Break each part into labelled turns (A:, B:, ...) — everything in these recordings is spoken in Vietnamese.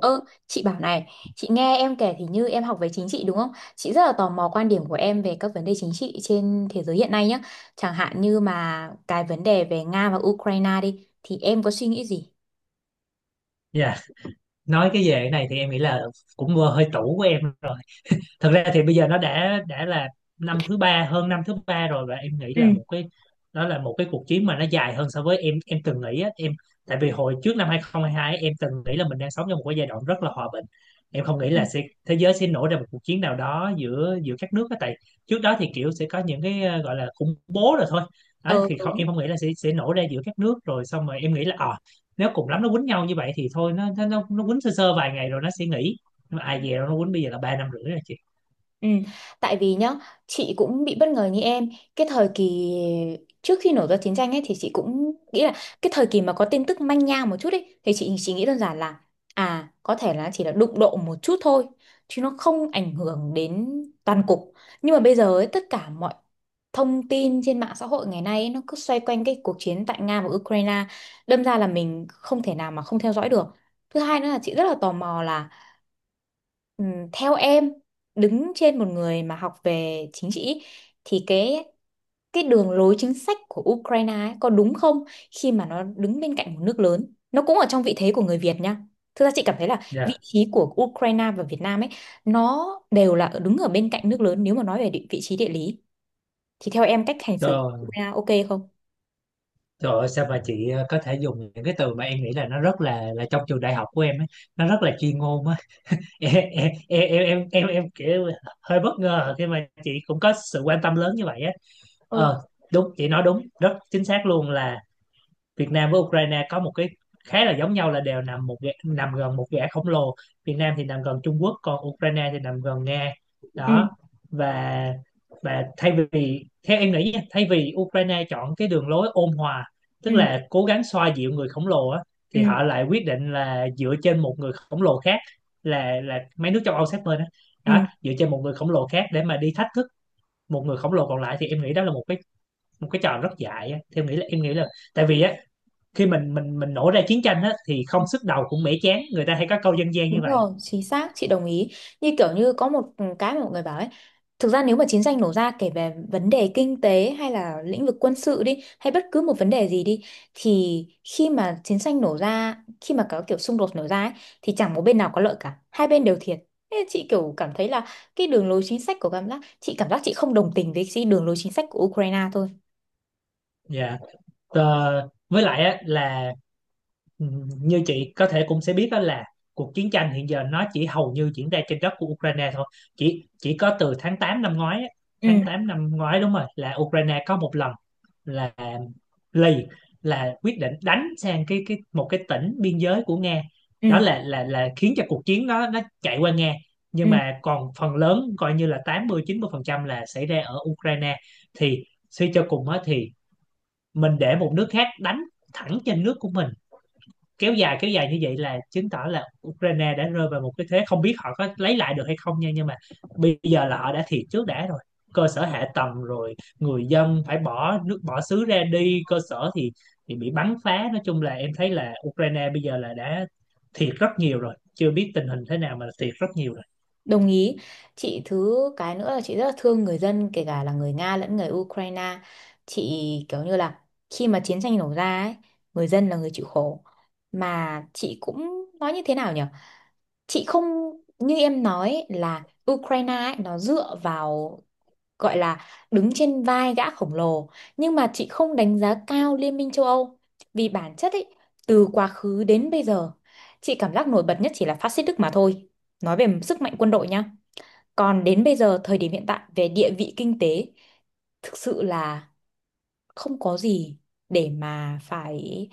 A: Ơ, chị bảo này, chị nghe em kể thì như em học về chính trị đúng không? Chị rất là tò mò quan điểm của em về các vấn đề chính trị trên thế giới hiện nay nhé. Chẳng hạn như mà cái vấn đề về Nga và Ukraine đi, thì em có suy nghĩ gì?
B: Dạ, nói cái về cái này thì em nghĩ là cũng vừa hơi tủ của em. Thật ra thì bây giờ nó đã là năm thứ ba, hơn năm thứ ba rồi. Và em nghĩ
A: Ừ.
B: là một cái đó là một cái cuộc chiến mà nó dài hơn so với em từng nghĩ á. Em tại vì hồi trước năm 2022 em từng nghĩ là mình đang sống trong một cái giai đoạn rất là hòa bình. Em không nghĩ
A: Ừ.
B: là sẽ thế giới sẽ nổ ra một cuộc chiến nào đó giữa giữa các nước á. Tại trước đó thì kiểu sẽ có những cái gọi là khủng bố rồi thôi. Đấy
A: Ờ,
B: thì không,
A: đúng.
B: em không nghĩ là sẽ nổ ra giữa các nước. Rồi xong rồi em nghĩ là nếu cùng lắm nó quýnh nhau như vậy thì thôi, nó quýnh sơ sơ vài ngày rồi nó sẽ nghỉ. Nhưng mà
A: Ừ.
B: ai về đâu, nó quýnh bây giờ là 3 năm rưỡi rồi.
A: Ừ, tại vì nhá, chị cũng bị bất ngờ như em. Cái thời kỳ trước khi nổ ra chiến tranh ấy thì chị cũng nghĩ là cái thời kỳ mà có tin tức manh nha một chút ấy thì chị chỉ nghĩ đơn giản là à có thể là chỉ là đụng độ một chút thôi chứ nó không ảnh hưởng đến toàn cục. Nhưng mà bây giờ ấy, tất cả mọi thông tin trên mạng xã hội ngày nay ấy, nó cứ xoay quanh cái cuộc chiến tại Nga và Ukraine, đâm ra là mình không thể nào mà không theo dõi được. Thứ hai nữa là chị rất là tò mò là, Ừ, theo em, đứng trên một người mà học về chính trị ý, thì cái đường lối chính sách của Ukraine ấy, có đúng không khi mà nó đứng bên cạnh một nước lớn, nó cũng ở trong vị thế của người Việt nha. Thực ra chị cảm thấy là vị
B: Dạ,
A: trí của Ukraine và Việt Nam ấy nó đều là đứng ở bên cạnh nước lớn, nếu mà nói về địa, vị trí địa lý, thì theo em cách hành xử của
B: trời,
A: Ukraine ok không?
B: trời ơi, sao mà chị có thể dùng những cái từ mà em nghĩ là nó rất là trong trường đại học của em ấy, nó rất là chuyên môn á. Em kiểu hơi bất ngờ khi mà chị cũng có sự quan tâm lớn như vậy á.
A: Ừ.
B: Ờ, đúng, chị nói đúng, rất chính xác luôn là Việt Nam với Ukraine có một cái khá là giống nhau, là đều nằm nằm gần một gã khổng lồ. Việt Nam thì nằm gần Trung Quốc, còn Ukraine thì nằm gần Nga.
A: Ừ.
B: Đó, và thay vì theo em nghĩ nha, thay vì Ukraine chọn cái đường lối ôn hòa, tức
A: Ừ.
B: là cố gắng xoa dịu người khổng lồ á, thì
A: Ừ.
B: họ lại quyết định là dựa trên một người khổng lồ khác, là mấy nước châu Âu sát bên đó.
A: Ừ.
B: Đó, dựa trên một người khổng lồ khác để mà đi thách thức một người khổng lồ còn lại thì em nghĩ đó là một cái trò rất dại á. Theo em nghĩ là, em nghĩ là tại vì á khi mình nổ ra chiến tranh á thì không sức đầu cũng mẻ chán, người ta hay có câu dân gian
A: Đúng
B: như vậy.
A: rồi, chính xác, chị đồng ý. Như kiểu như có một cái mà mọi người bảo ấy, thực ra nếu mà chiến tranh nổ ra, kể về vấn đề kinh tế hay là lĩnh vực quân sự đi, hay bất cứ một vấn đề gì đi, thì khi mà chiến tranh nổ ra, khi mà có kiểu xung đột nổ ra ấy, thì chẳng một bên nào có lợi cả, hai bên đều thiệt. Thế chị kiểu cảm thấy là cái đường lối chính sách của cảm giác chị không đồng tình với cái đường lối chính sách của Ukraine thôi.
B: Dạ. Với lại á là ừ, như chị có thể cũng sẽ biết đó là cuộc chiến tranh hiện giờ nó chỉ hầu như diễn ra trên đất của Ukraine thôi. Chỉ có từ tháng 8 năm ngoái á,
A: Ừ.
B: tháng 8 năm ngoái đúng rồi, là Ukraine có một lần là lì là quyết định đánh sang cái một cái tỉnh biên giới của Nga. Đó
A: Ừ.
B: là, khiến cho cuộc chiến nó chạy qua Nga. Nhưng
A: Ừ.
B: mà còn phần lớn coi như là 80-90% là xảy ra ở Ukraine. Thì suy cho cùng á thì mình để một nước khác đánh thẳng trên nước của mình, kéo dài như vậy là chứng tỏ là Ukraine đã rơi vào một cái thế không biết họ có lấy lại được hay không nha. Nhưng mà bây giờ là họ đã thiệt trước đã rồi. Cơ sở hạ tầng, rồi người dân phải bỏ nước bỏ xứ ra đi, cơ sở thì bị bắn phá. Nói chung là em thấy là Ukraine bây giờ là đã thiệt rất nhiều rồi, chưa biết tình hình thế nào mà thiệt rất nhiều rồi.
A: Đồng ý. Chị thứ cái nữa là chị rất là thương người dân, kể cả là người Nga lẫn người Ukraine. Chị kiểu như là khi mà chiến tranh nổ ra ấy, người dân là người chịu khổ. Mà chị cũng nói như thế nào nhỉ? Chị không, như em nói ấy, là Ukraine ấy, nó dựa vào, gọi là, đứng trên vai gã khổng lồ, nhưng mà chị không đánh giá cao Liên minh châu Âu, vì bản chất ấy, từ quá khứ đến bây giờ, chị cảm giác nổi bật nhất chỉ là phát xít Đức mà thôi. Nói về sức mạnh quân đội nhá, còn đến bây giờ, thời điểm hiện tại về địa vị kinh tế, thực sự là không có gì để mà phải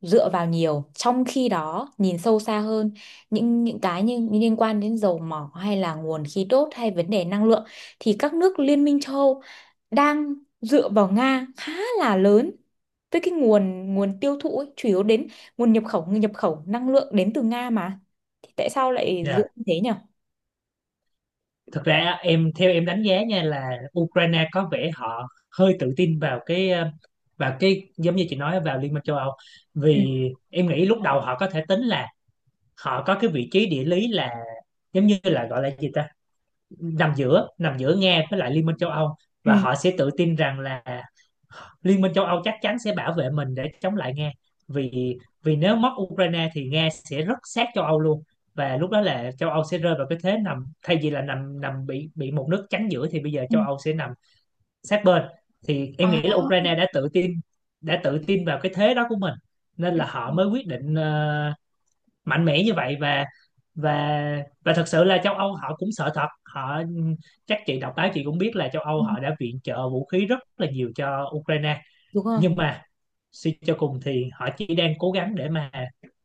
A: dựa vào nhiều. Trong khi đó, nhìn sâu xa hơn, những cái như như liên quan đến dầu mỏ hay là nguồn khí đốt hay vấn đề năng lượng, thì các nước Liên minh châu Âu đang dựa vào Nga khá là lớn, với cái nguồn nguồn tiêu thụ ấy, chủ yếu đến nguồn nhập khẩu năng lượng đến từ Nga mà. Thì tại sao lại dựa
B: Dạ,
A: như thế nhỉ?
B: thực ra em, theo em đánh giá nha là Ukraine có vẻ họ hơi tự tin vào cái vào cái giống như chị nói, vào Liên minh châu Âu.
A: Ừ.
B: Vì em nghĩ lúc đầu họ có thể tính là họ có cái vị trí địa lý là giống như là gọi là gì ta, nằm giữa, Nga với lại Liên minh châu Âu.
A: Ừ.
B: Và họ sẽ tự tin rằng là Liên minh châu Âu chắc chắn sẽ bảo vệ mình để chống lại Nga. Vì vì nếu mất Ukraine thì Nga sẽ rất sát châu Âu luôn. Và lúc đó là châu Âu sẽ rơi vào cái thế nằm, thay vì là nằm nằm bị một nước chắn giữa thì bây giờ
A: Ừ.
B: châu Âu sẽ nằm sát bên. Thì
A: Ờ.
B: em nghĩ là Ukraine đã tự tin vào cái thế đó của mình, nên
A: Ừ.
B: là họ mới quyết định mạnh mẽ như vậy. Và và thật sự là châu Âu họ cũng sợ thật. Họ, chắc chị đọc báo chị cũng biết là châu Âu họ đã viện trợ vũ khí rất là nhiều cho Ukraine.
A: Đúng rồi.
B: Nhưng mà suy cho cùng thì họ chỉ đang cố gắng để mà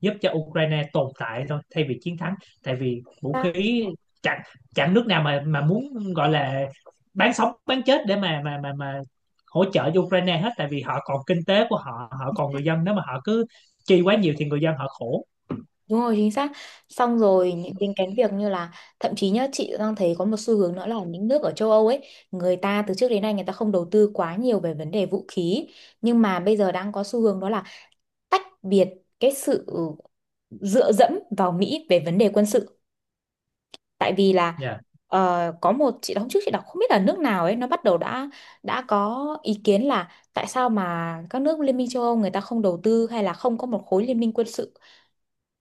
B: giúp cho Ukraine tồn tại thôi, thay vì chiến thắng. Tại vì vũ
A: Ta-
B: khí, chẳng chẳng nước nào mà muốn gọi là bán sống bán chết để mà hỗ trợ cho Ukraine hết. Tại vì họ còn kinh tế của họ, họ còn người dân, nếu mà họ cứ chi quá nhiều thì người dân họ khổ.
A: Đúng rồi, chính xác. Xong rồi những đến cái việc như là, thậm chí nhá, chị đang thấy có một xu hướng nữa là những nước ở châu Âu ấy, người ta từ trước đến nay người ta không đầu tư quá nhiều về vấn đề vũ khí. Nhưng mà bây giờ đang có xu hướng đó là tách biệt cái sự dựa dẫm vào Mỹ về vấn đề quân sự. Tại vì là
B: Dạ, yeah.
A: có một chị đóng trước, chị đọc không biết là nước nào ấy, nó bắt đầu đã có ý kiến là tại sao mà các nước Liên minh châu Âu người ta không đầu tư, hay là không có một khối liên minh quân sự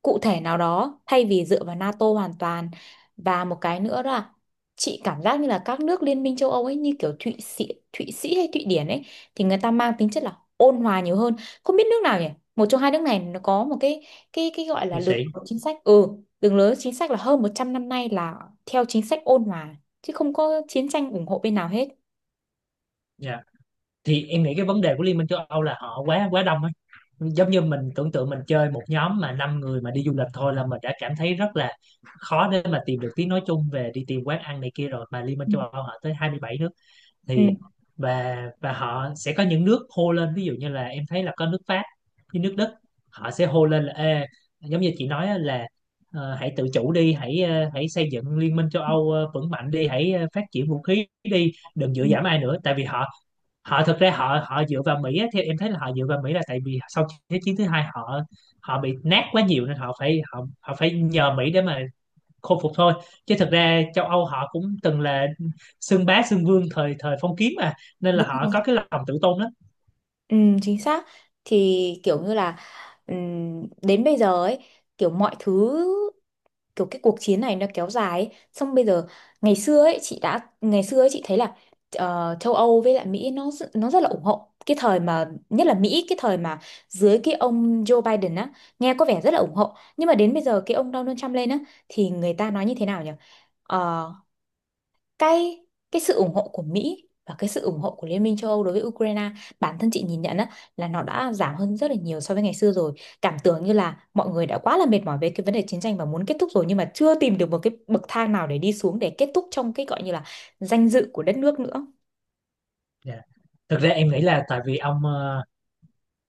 A: cụ thể nào đó, thay vì dựa vào NATO hoàn toàn. Và một cái nữa đó là chị cảm giác như là các nước Liên minh châu Âu ấy, như kiểu Thụy Sĩ hay Thụy Điển ấy, thì người ta mang tính chất là ôn hòa nhiều hơn. Không biết nước nào nhỉ, một trong hai nước này nó có một cái gọi là
B: Thì
A: đường
B: sĩ.
A: lối chính sách, đường lối chính sách là hơn 100 năm nay là theo chính sách ôn hòa, chứ không có chiến tranh ủng hộ bên nào hết.
B: Dạ. Yeah. Thì em nghĩ cái vấn đề của Liên minh châu Âu là họ quá quá đông ấy. Giống như mình tưởng tượng mình chơi một nhóm mà 5 người mà đi du lịch thôi là mình đã cảm thấy rất là khó để mà tìm được tiếng nói chung về đi tìm quán ăn này kia, rồi mà Liên minh
A: Ừ.
B: châu Âu họ tới 27 nước.
A: Ừ.
B: Thì và họ sẽ có những nước hô lên, ví dụ như là em thấy là có nước Pháp với nước Đức, họ sẽ hô lên là ê, giống như chị nói á, là hãy tự chủ đi, hãy xây dựng liên minh châu Âu vững mạnh đi, hãy phát triển vũ khí đi, đừng dựa
A: Ừ.
B: dẫm ai nữa. Tại vì họ, họ thực ra họ họ dựa vào Mỹ á, theo em thấy là họ dựa vào Mỹ là tại vì sau Thế chiến thứ hai họ họ bị nát quá nhiều, nên họ phải, họ họ phải nhờ Mỹ để mà khôi phục thôi. Chứ thực ra châu Âu họ cũng từng là xưng bá xưng vương thời thời phong kiến mà, nên là
A: Đúng.
B: họ có cái lòng tự tôn lắm.
A: Ừ, chính xác. Thì kiểu như là, đến bây giờ ấy, kiểu mọi thứ, kiểu cái cuộc chiến này nó kéo dài ấy. Xong bây giờ, ngày xưa ấy chị thấy là châu Âu với lại Mỹ nó rất- là ủng hộ, cái thời mà nhất là Mỹ, cái thời mà dưới cái ông Joe Biden á, nghe có vẻ rất là ủng hộ, nhưng mà đến bây giờ cái ông Donald Trump lên á, thì người ta nói như thế nào nhỉ? Ờ, cái cái sự ủng hộ của Mỹ và cái sự ủng hộ của Liên minh châu Âu đối với Ukraine, bản thân chị nhìn nhận á, là nó đã giảm hơn rất là nhiều so với ngày xưa rồi. Cảm tưởng như là mọi người đã quá là mệt mỏi về cái vấn đề chiến tranh và muốn kết thúc rồi, nhưng mà chưa tìm được một cái bậc thang nào để đi xuống, để kết thúc trong cái gọi như là danh dự của đất nước nữa.
B: Dạ, thực ra em nghĩ là tại vì ông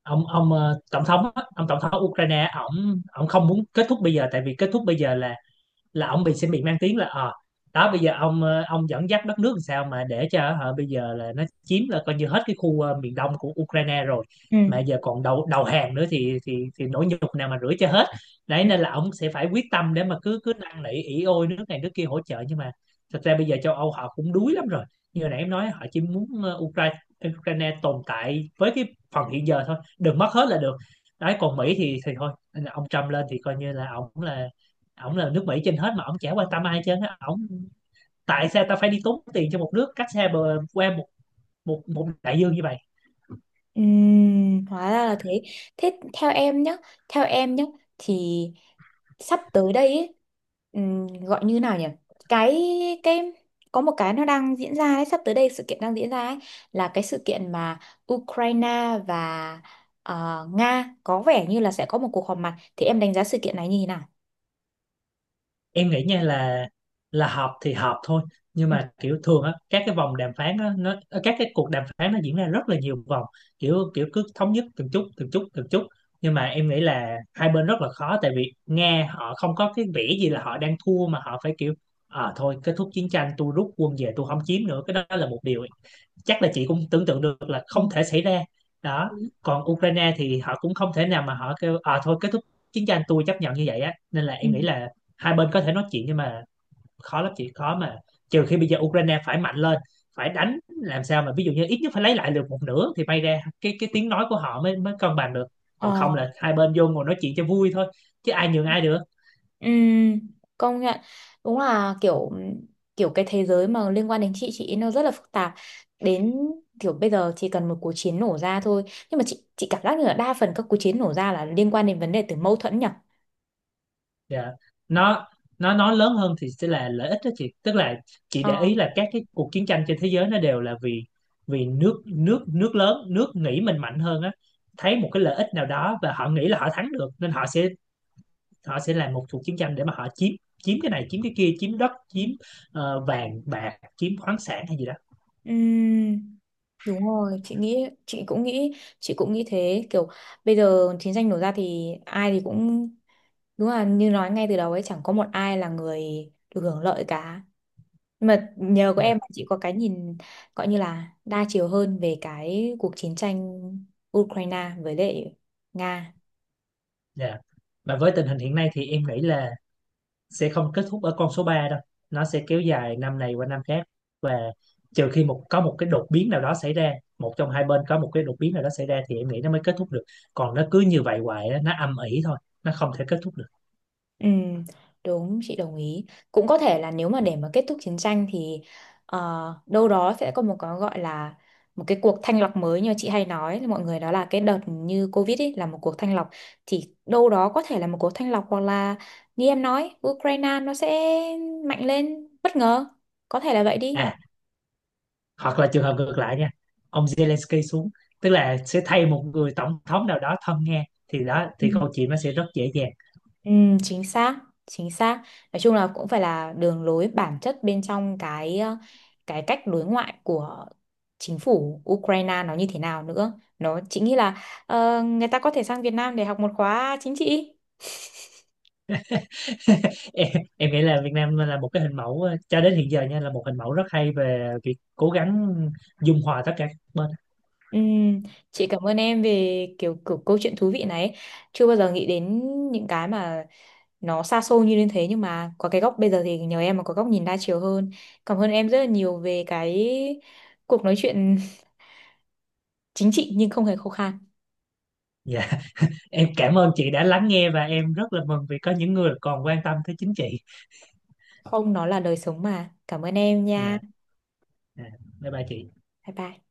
B: tổng thống á, ông tổng thống Ukraine, ổng ổng không muốn kết thúc bây giờ. Tại vì kết thúc bây giờ là, ông bị, sẽ bị mang tiếng là đó, bây giờ ông ông dẫn dắt đất nước làm sao mà để cho họ bây giờ là nó chiếm, là coi như hết cái khu miền đông của Ukraine rồi.
A: Ừ.
B: Mà giờ còn đầu đầu hàng nữa thì nỗi nhục nào mà rửa cho hết. Đấy
A: Ừ.
B: nên là ông sẽ phải quyết tâm để mà cứ cứ năn nỉ ỉ ôi nước này nước kia hỗ trợ. Nhưng mà thật ra bây giờ châu Âu họ cũng đuối lắm rồi. Như hồi nãy em nói, họ chỉ muốn Ukraine Ukraine tồn tại với cái phần hiện giờ thôi, đừng mất hết là được. Đấy, còn Mỹ thì thôi, ông Trump lên thì coi như là ông là ổng là nước Mỹ trên hết, mà ổng chả quan tâm ai trên á. Ổng, tại sao ta phải đi tốn tiền cho một nước cách xa bờ qua một một một đại dương như vậy.
A: Hóa ra là thế. Thế theo em nhé thì sắp tới đây ấy, gọi như nào nhỉ, cái, cái có một cái nó đang diễn ra ấy, sắp tới đây sự kiện đang diễn ra ấy, là cái sự kiện mà Ukraine và Nga có vẻ như là sẽ có một cuộc họp mặt, thì em đánh giá sự kiện này như thế nào?
B: Em nghĩ nha là, họp thì họp thôi. Nhưng mà kiểu thường á các cái vòng đàm phán á nó các cái cuộc đàm phán nó diễn ra rất là nhiều vòng. Kiểu Kiểu cứ thống nhất từng chút từng chút từng chút. Nhưng mà em nghĩ là hai bên rất là khó, tại vì Nga họ không có cái vẻ gì là họ đang thua mà họ phải kiểu à thôi kết thúc chiến tranh, tôi rút quân về, tôi không chiếm nữa. Cái đó là một điều chắc là chị cũng tưởng tượng được là
A: Ừ.
B: không thể xảy ra. Đó, còn Ukraine thì họ cũng không thể nào mà họ kêu à thôi kết thúc chiến tranh, tôi chấp nhận như vậy á. Nên là
A: Ừ.
B: em nghĩ là hai bên có thể nói chuyện nhưng mà khó lắm chị, khó mà. Trừ khi bây giờ Ukraine phải mạnh lên, phải đánh làm sao mà ví dụ như ít nhất phải lấy lại được một nửa, thì may ra cái tiếng nói của họ mới mới cân bằng được. Còn không
A: Ừ.
B: là hai bên vô ngồi nói chuyện cho vui thôi, chứ ai nhường ai được.
A: Ừ, công nhận, đúng là kiểu kiểu cái thế giới mà liên quan đến chị nó rất là phức tạp. Đến kiểu bây giờ chỉ cần một cuộc chiến nổ ra thôi, nhưng mà chị cảm giác như là đa phần các cuộc chiến nổ ra là liên quan đến vấn đề, từ mâu thuẫn nhỉ.
B: Dạ. Nó nó nói lớn hơn thì sẽ là lợi ích đó chị. Tức là chị
A: Ờ.
B: để ý là các cái cuộc chiến tranh trên thế giới nó đều là vì, nước nước nước lớn, nước nghĩ mình mạnh hơn á, thấy một cái lợi ích nào đó và họ nghĩ là họ thắng được, nên họ sẽ làm một cuộc chiến tranh để mà họ chiếm, chiếm cái này, chiếm cái kia, chiếm đất, chiếm vàng bạc, chiếm khoáng sản hay gì đó.
A: Ừ, đúng rồi, chị nghĩ chị cũng nghĩ chị cũng nghĩ thế, kiểu bây giờ chiến tranh nổ ra thì ai thì cũng, đúng là như nói ngay từ đầu ấy, chẳng có một ai là người được hưởng lợi cả. Mà nhờ có
B: Dạ.
A: em mà chị có cái nhìn gọi như là đa chiều hơn về cái cuộc chiến tranh Ukraine với lại Nga.
B: Dạ. Và với tình hình hiện nay thì em nghĩ là sẽ không kết thúc ở con số 3 đâu, nó sẽ kéo dài năm này qua năm khác. Và trừ khi có một cái đột biến nào đó xảy ra, một trong hai bên có một cái đột biến nào đó xảy ra, thì em nghĩ nó mới kết thúc được. Còn nó cứ như vậy hoài á, nó âm ỉ thôi, nó không thể kết thúc được.
A: Ừ, đúng, chị đồng ý. Cũng có thể là nếu mà để mà kết thúc chiến tranh thì ờ, đâu đó sẽ có một cái gọi là một cái cuộc thanh lọc mới, như chị hay nói là mọi người, đó là cái đợt như Covid ấy là một cuộc thanh lọc. Thì đâu đó có thể là một cuộc thanh lọc, hoặc là như em nói, Ukraine nó sẽ mạnh lên bất ngờ, có thể là vậy đi.
B: À, hoặc là trường hợp ngược lại nha, ông Zelensky xuống, tức là sẽ thay một người tổng thống nào đó thân Nga, thì đó thì câu chuyện nó sẽ rất dễ dàng.
A: Ừ, chính xác, chính xác. Nói chung là cũng phải là đường lối bản chất bên trong cái cách đối ngoại của chính phủ Ukraine nó như thế nào nữa. Nó chính nghĩ là người ta có thể sang Việt Nam để học một khóa chính trị.
B: em, em nghĩ là Việt Nam là một cái hình mẫu cho đến hiện giờ nha, là một hình mẫu rất hay về việc cố gắng dung hòa tất cả các bên.
A: Ừ, chị cảm ơn em về kiểu câu chuyện thú vị này. Chưa bao giờ nghĩ đến những cái mà nó xa xôi như thế, nhưng mà có cái góc bây giờ thì nhờ em mà có góc nhìn đa chiều hơn. Cảm ơn em rất là nhiều về cái cuộc nói chuyện chính trị nhưng không hề khô khan.
B: Dạ, em cảm ơn chị đã lắng nghe, và em rất là mừng vì có những người còn quan tâm tới chính trị.
A: Không, nó là đời sống mà. Cảm ơn em nha.
B: Dạ, dạ. Bye bye chị.
A: Bye bye.